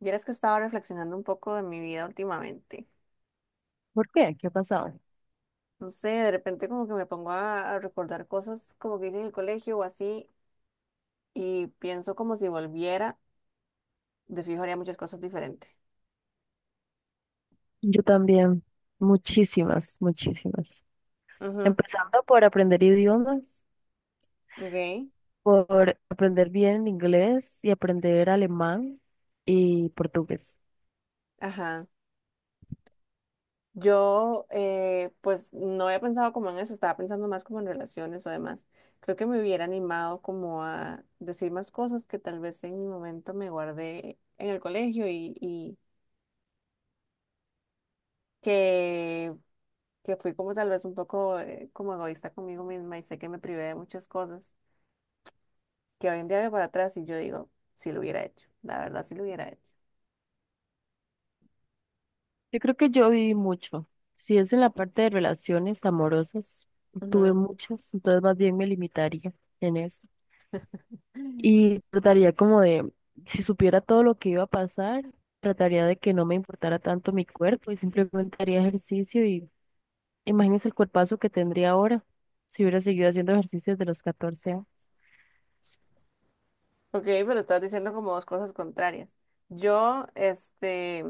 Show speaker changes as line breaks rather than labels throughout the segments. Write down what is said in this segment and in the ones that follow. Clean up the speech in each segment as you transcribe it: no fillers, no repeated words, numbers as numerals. Vieras que estaba reflexionando un poco de mi vida últimamente.
¿Por qué? ¿Qué ha pasado?
No sé, de repente como que me pongo a recordar cosas como que hice en el colegio o así y pienso como si volviera, de fijo haría muchas cosas diferentes.
Yo también, muchísimas, muchísimas.
Ujú,
Empezando por aprender idiomas,
ok,
por aprender bien inglés y aprender alemán y portugués.
ajá. Yo pues no había pensado como en eso, estaba pensando más como en relaciones o demás. Creo que me hubiera animado como a decir más cosas que tal vez en mi momento me guardé en el colegio y que que fui como tal vez un poco como egoísta conmigo misma y sé que me privé de muchas cosas que hoy en día veo para atrás y yo digo, si lo hubiera hecho, la verdad si lo hubiera hecho.
Yo creo que yo viví mucho. Si es en la parte de relaciones amorosas, tuve
Ujú.
muchas, entonces más bien me limitaría en eso. Y trataría como de, si supiera todo lo que iba a pasar, trataría de que no me importara tanto mi cuerpo y simplemente haría ejercicio. Y Imagínese el cuerpazo que tendría ahora si hubiera seguido haciendo ejercicios de los 14 años.
Ok, pero estás diciendo como dos cosas contrarias. Yo, este,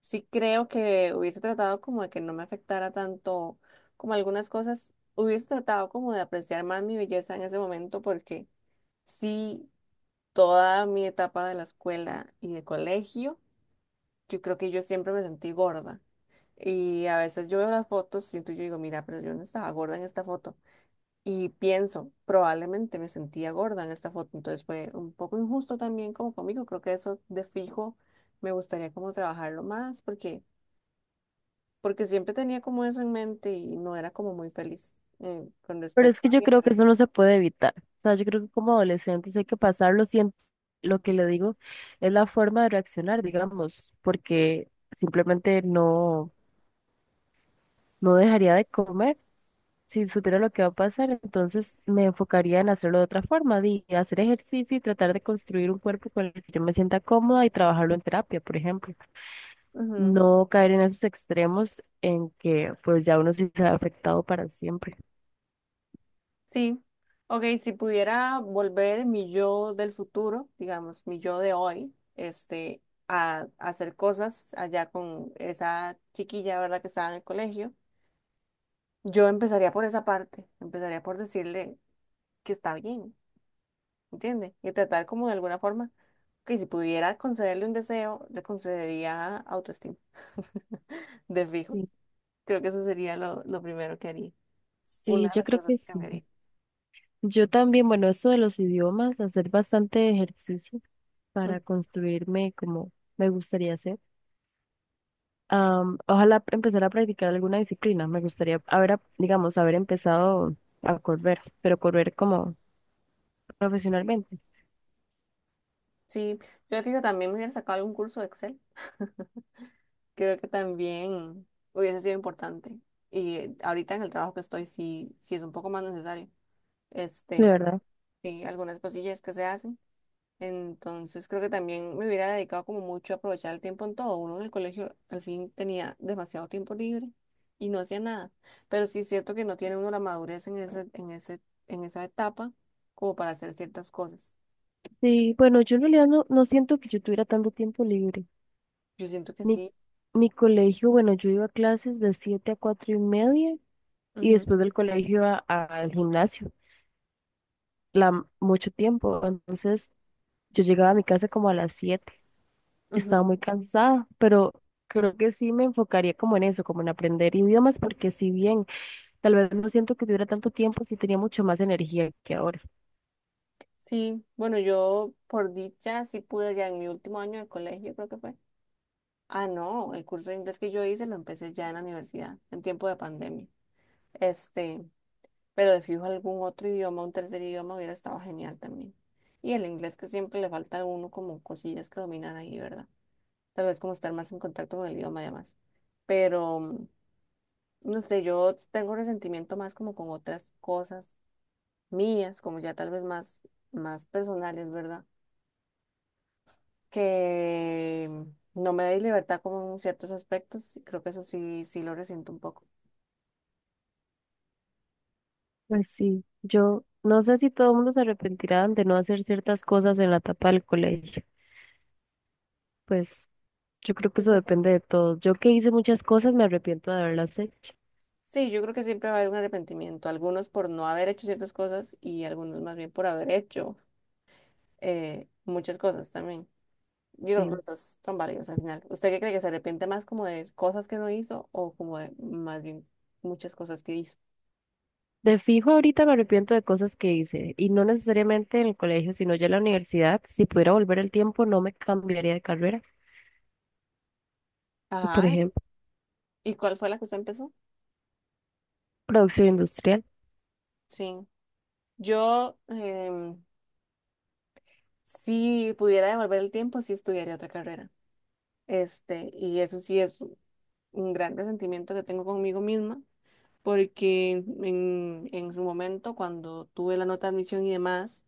sí creo que hubiese tratado como de que no me afectara tanto como algunas cosas, hubiese tratado como de apreciar más mi belleza en ese momento porque sí, toda mi etapa de la escuela y de colegio, yo creo que yo siempre me sentí gorda. Y a veces yo veo las fotos, siento y yo digo, mira, pero yo no estaba gorda en esta foto. Y pienso, probablemente me sentía gorda en esta foto. Entonces fue un poco injusto también como conmigo. Creo que eso de fijo me gustaría como trabajarlo más porque siempre tenía como eso en mente y no era como muy feliz con
Pero
respecto
es que
a
yo
mi
creo que eso no se puede evitar. O sea, yo creo que como adolescentes hay que pasarlo. Siento, lo que le digo es la forma de reaccionar, digamos, porque simplemente no, no dejaría de comer si supiera lo que va a pasar. Entonces me enfocaría en hacerlo de otra forma, de hacer ejercicio y tratar de construir un cuerpo con el que yo me sienta cómoda y trabajarlo en terapia, por ejemplo.
apariencia.
No caer en esos extremos en que pues ya uno sí se ha afectado para siempre.
Sí, ok, si pudiera volver mi yo del futuro, digamos, mi yo de hoy, a hacer cosas allá con esa chiquilla, ¿verdad? Que estaba en el colegio, yo empezaría por esa parte, empezaría por decirle que está bien, ¿entiende? Y tratar como de alguna forma que si pudiera concederle un deseo, le concedería autoestima, de fijo.
Sí,
Creo que eso sería lo primero que haría, una
sí,
de
yo
las
creo
cosas
que
que cambiaría.
sí. Yo también, bueno, eso de los idiomas, hacer bastante ejercicio
Mm,
para construirme como me gustaría hacer. Ojalá empezar a practicar alguna disciplina. Me gustaría digamos, haber empezado a correr, pero correr como profesionalmente.
sí, yo de fijo también me hubiera sacado algún curso de Excel. Creo que también hubiese sido importante. Y ahorita en el trabajo que estoy, sí, sí es un poco más necesario.
De
Este,
verdad.
sí, algunas cosillas que se hacen. Entonces creo que también me hubiera dedicado como mucho a aprovechar el tiempo en todo. Uno en el colegio al fin tenía demasiado tiempo libre y no hacía nada. Pero sí es cierto que no tiene uno la madurez en esa etapa como para hacer ciertas cosas.
Sí, bueno, yo en realidad no, no siento que yo tuviera tanto tiempo libre.
Yo siento que
Mi,
sí.
mi colegio, bueno, yo iba a clases de 7 a 4:30 y
Ujú,
después del colegio iba al gimnasio, mucho tiempo. Entonces yo llegaba a mi casa como a las 7. Estaba
ujú.
muy cansada, pero creo que sí me enfocaría como en eso, como en aprender idiomas, porque si bien tal vez no siento que tuviera tanto tiempo, sí tenía mucho más energía que ahora.
Sí, bueno, yo por dicha sí pude ya en mi último año de colegio, creo que fue. Ah, no, el curso de inglés que yo hice lo empecé ya en la universidad, en tiempo de pandemia. Este, pero de fijo algún otro idioma, un tercer idioma hubiera estado genial también. Y el inglés que siempre le falta a uno como cosillas que dominar ahí, ¿verdad? Tal vez como estar más en contacto con el idioma además. Pero, mm, no sé, yo tengo resentimiento más como con otras cosas mías, como ya más personales, ¿verdad? Que no me da libertad como en ciertos aspectos, y creo que eso sí, sí lo resiento un poco.
Pues sí, yo no sé si todo el mundo se arrepentirá de no hacer ciertas cosas en la etapa del colegio. Pues yo creo que
Yo
eso
creo que-
depende de todo. Yo que hice muchas cosas me arrepiento de haberlas hecho.
Sí, yo creo que siempre va a haber un arrepentimiento, algunos por no haber hecho ciertas cosas y algunos más bien por haber hecho muchas cosas también. Yo creo que
Sí.
los dos son válidos al final. ¿Usted qué cree que se arrepiente más como de cosas que no hizo o como de más bien muchas cosas que hizo?
De fijo ahorita me arrepiento de cosas que hice y no necesariamente en el colegio, sino ya en la universidad. Si pudiera volver el tiempo, no me cambiaría de carrera. Por
Ajá.
ejemplo,
¿Y cuál fue la que usted empezó?
producción industrial.
Sí. Yo, em, si pudiera devolver el tiempo, sí estudiaría otra carrera. Este, y eso sí es un gran resentimiento que tengo conmigo misma, porque en su momento, cuando tuve la nota de admisión y demás,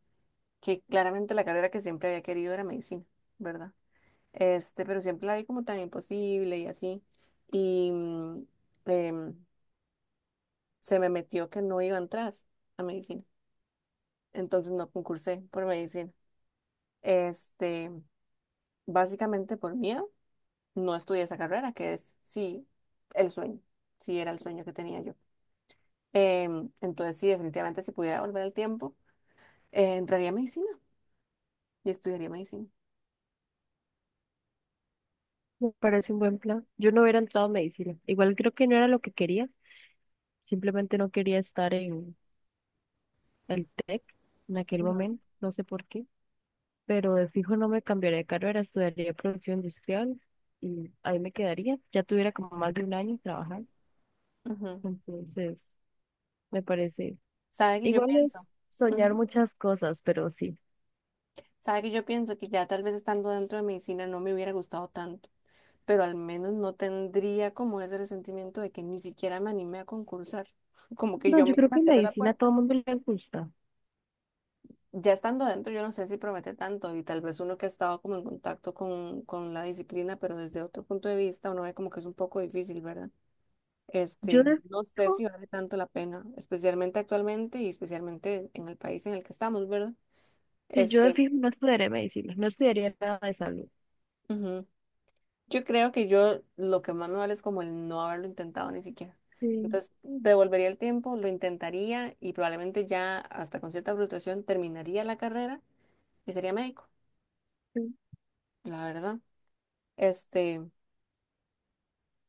que claramente la carrera que siempre había querido era medicina, ¿verdad? Este, pero siempre la vi como tan imposible y así. Y em, se me metió que no iba a entrar a medicina. Entonces no concursé por medicina. Este, básicamente por miedo, no estudié esa carrera, que es sí el sueño, sí era el sueño que tenía yo. Entonces, sí, definitivamente, si pudiera volver al tiempo, entraría a medicina y estudiaría medicina.
Me parece un buen plan. Yo no hubiera entrado a medicina. Igual creo que no era lo que quería. Simplemente no quería estar en el TEC en aquel
Ujú,
momento. No sé por qué. Pero de fijo no me cambiaría de carrera, estudiaría producción industrial y ahí me quedaría. Ya tuviera como más de un año trabajando,
ujú.
entonces me parece.
¿Sabe que yo
Igual
pienso?
es soñar
Ujú.
muchas cosas, pero sí.
¿Sabe que yo pienso que ya tal vez estando dentro de medicina no me hubiera gustado tanto, pero al menos no tendría como ese resentimiento de que ni siquiera me animé a concursar, como que
No,
yo
yo creo
misma
que
cerré la
medicina a todo
puerta?
el mundo le gusta.
Ya estando dentro, yo no sé si promete tanto y tal vez uno que ha estado como en contacto con la disciplina, pero desde otro punto de vista, uno ve como que es un poco difícil, ¿verdad?
Yo
Este,
de
no sé
fijo,
si vale tanto la pena, especialmente actualmente y especialmente en el país en el que estamos, ¿verdad?
sí, yo de
Este,
fijo no estudiaría medicina, no estudiaría nada de salud.
ujú. Yo creo que yo lo que más me vale es como el no haberlo intentado ni siquiera.
Sí,
Entonces, devolvería el tiempo, lo intentaría y probablemente ya hasta con cierta frustración terminaría la carrera y sería médico,
sí.
la verdad. Este,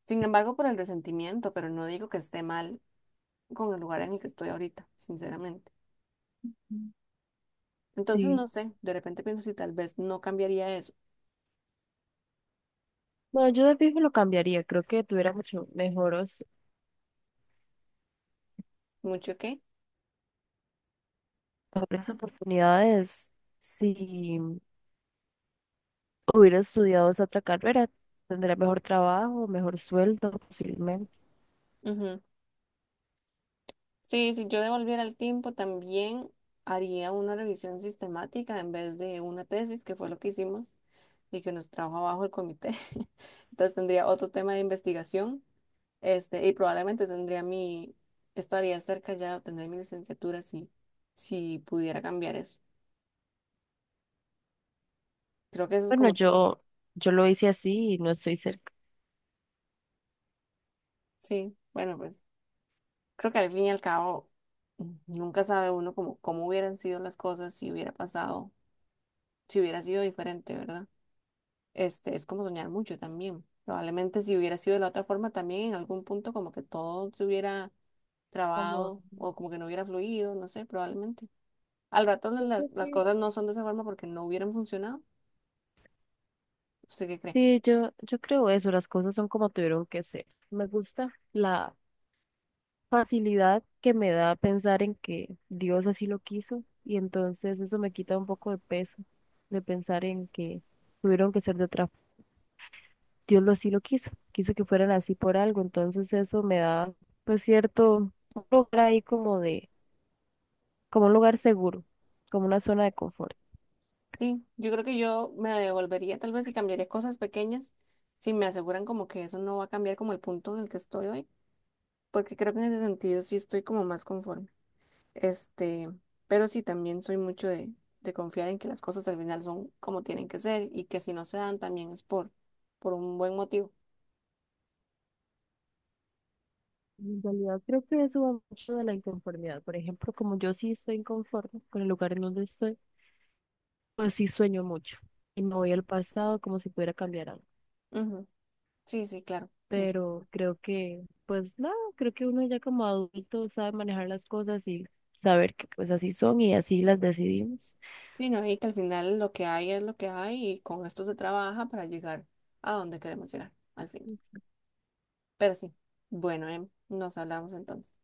sin embargo, por el resentimiento, pero no digo que esté mal con el lugar en el que estoy ahorita, sinceramente.
Sí.
Entonces,
Sí.
no sé, de repente pienso si tal vez no cambiaría eso.
No, yo de fijo lo cambiaría, creo que tuviera mucho mejores,
¿Mucho qué?
mejores oportunidades. Si hubiera estudiado esa otra carrera, tendría mejor trabajo, mejor sueldo, posiblemente.
Ujú. Sí, si yo devolviera el tiempo, también haría una revisión sistemática en vez de una tesis, que fue lo que hicimos y que nos trajo abajo el comité. Entonces tendría otro tema de investigación, y probablemente estaría cerca ya de obtener mi licenciatura si pudiera cambiar eso. Creo que eso es
Bueno,
como,
yo lo hice así y no estoy cerca.
sí, bueno, pues creo que al fin y al cabo mm, nunca sabe uno como cómo hubieran sido las cosas si hubiera pasado, si hubiera sido diferente, ¿verdad? Este, es como soñar mucho también. Probablemente si hubiera sido de la otra forma también en algún punto como que todo se hubiera
Como,
trabado o como que no hubiera fluido, no sé, probablemente. Al rato
yo creo
las
que-
cosas no son de esa forma porque no hubieran funcionado. ¿Usted qué cree?
Sí, yo creo eso, las cosas son como tuvieron que ser. Me gusta la facilidad que me da pensar en que Dios así lo quiso y entonces eso me quita un poco de peso de pensar en que tuvieron que ser de otra. Dios lo sí lo quiso, quiso que fueran así por algo, entonces eso me da pues cierto un lugar ahí como de, como un lugar seguro, como una zona de confort.
Sí, yo creo que yo me devolvería tal vez y cambiaría cosas pequeñas si me aseguran como que eso no va a cambiar como el punto en el que estoy hoy, porque creo que en ese sentido sí estoy como más conforme. Este, pero sí, también soy mucho de confiar en que las cosas al final son como tienen que ser y que si no se dan también es por un buen motivo.
En realidad creo que eso va mucho de la inconformidad. Por ejemplo, como yo sí estoy inconforme con el lugar en donde estoy, pues sí sueño mucho y me voy al pasado como si pudiera cambiar algo.
Ujú. Sí, sí, claro. enti-
Pero creo que, pues nada, creo que uno ya como adulto sabe manejar las cosas y saber que pues así son y así las decidimos.
Sí, no, y que al final lo que hay es lo que hay y con esto se trabaja para llegar a donde queremos llegar al final. Pero sí, bueno, nos hablamos entonces.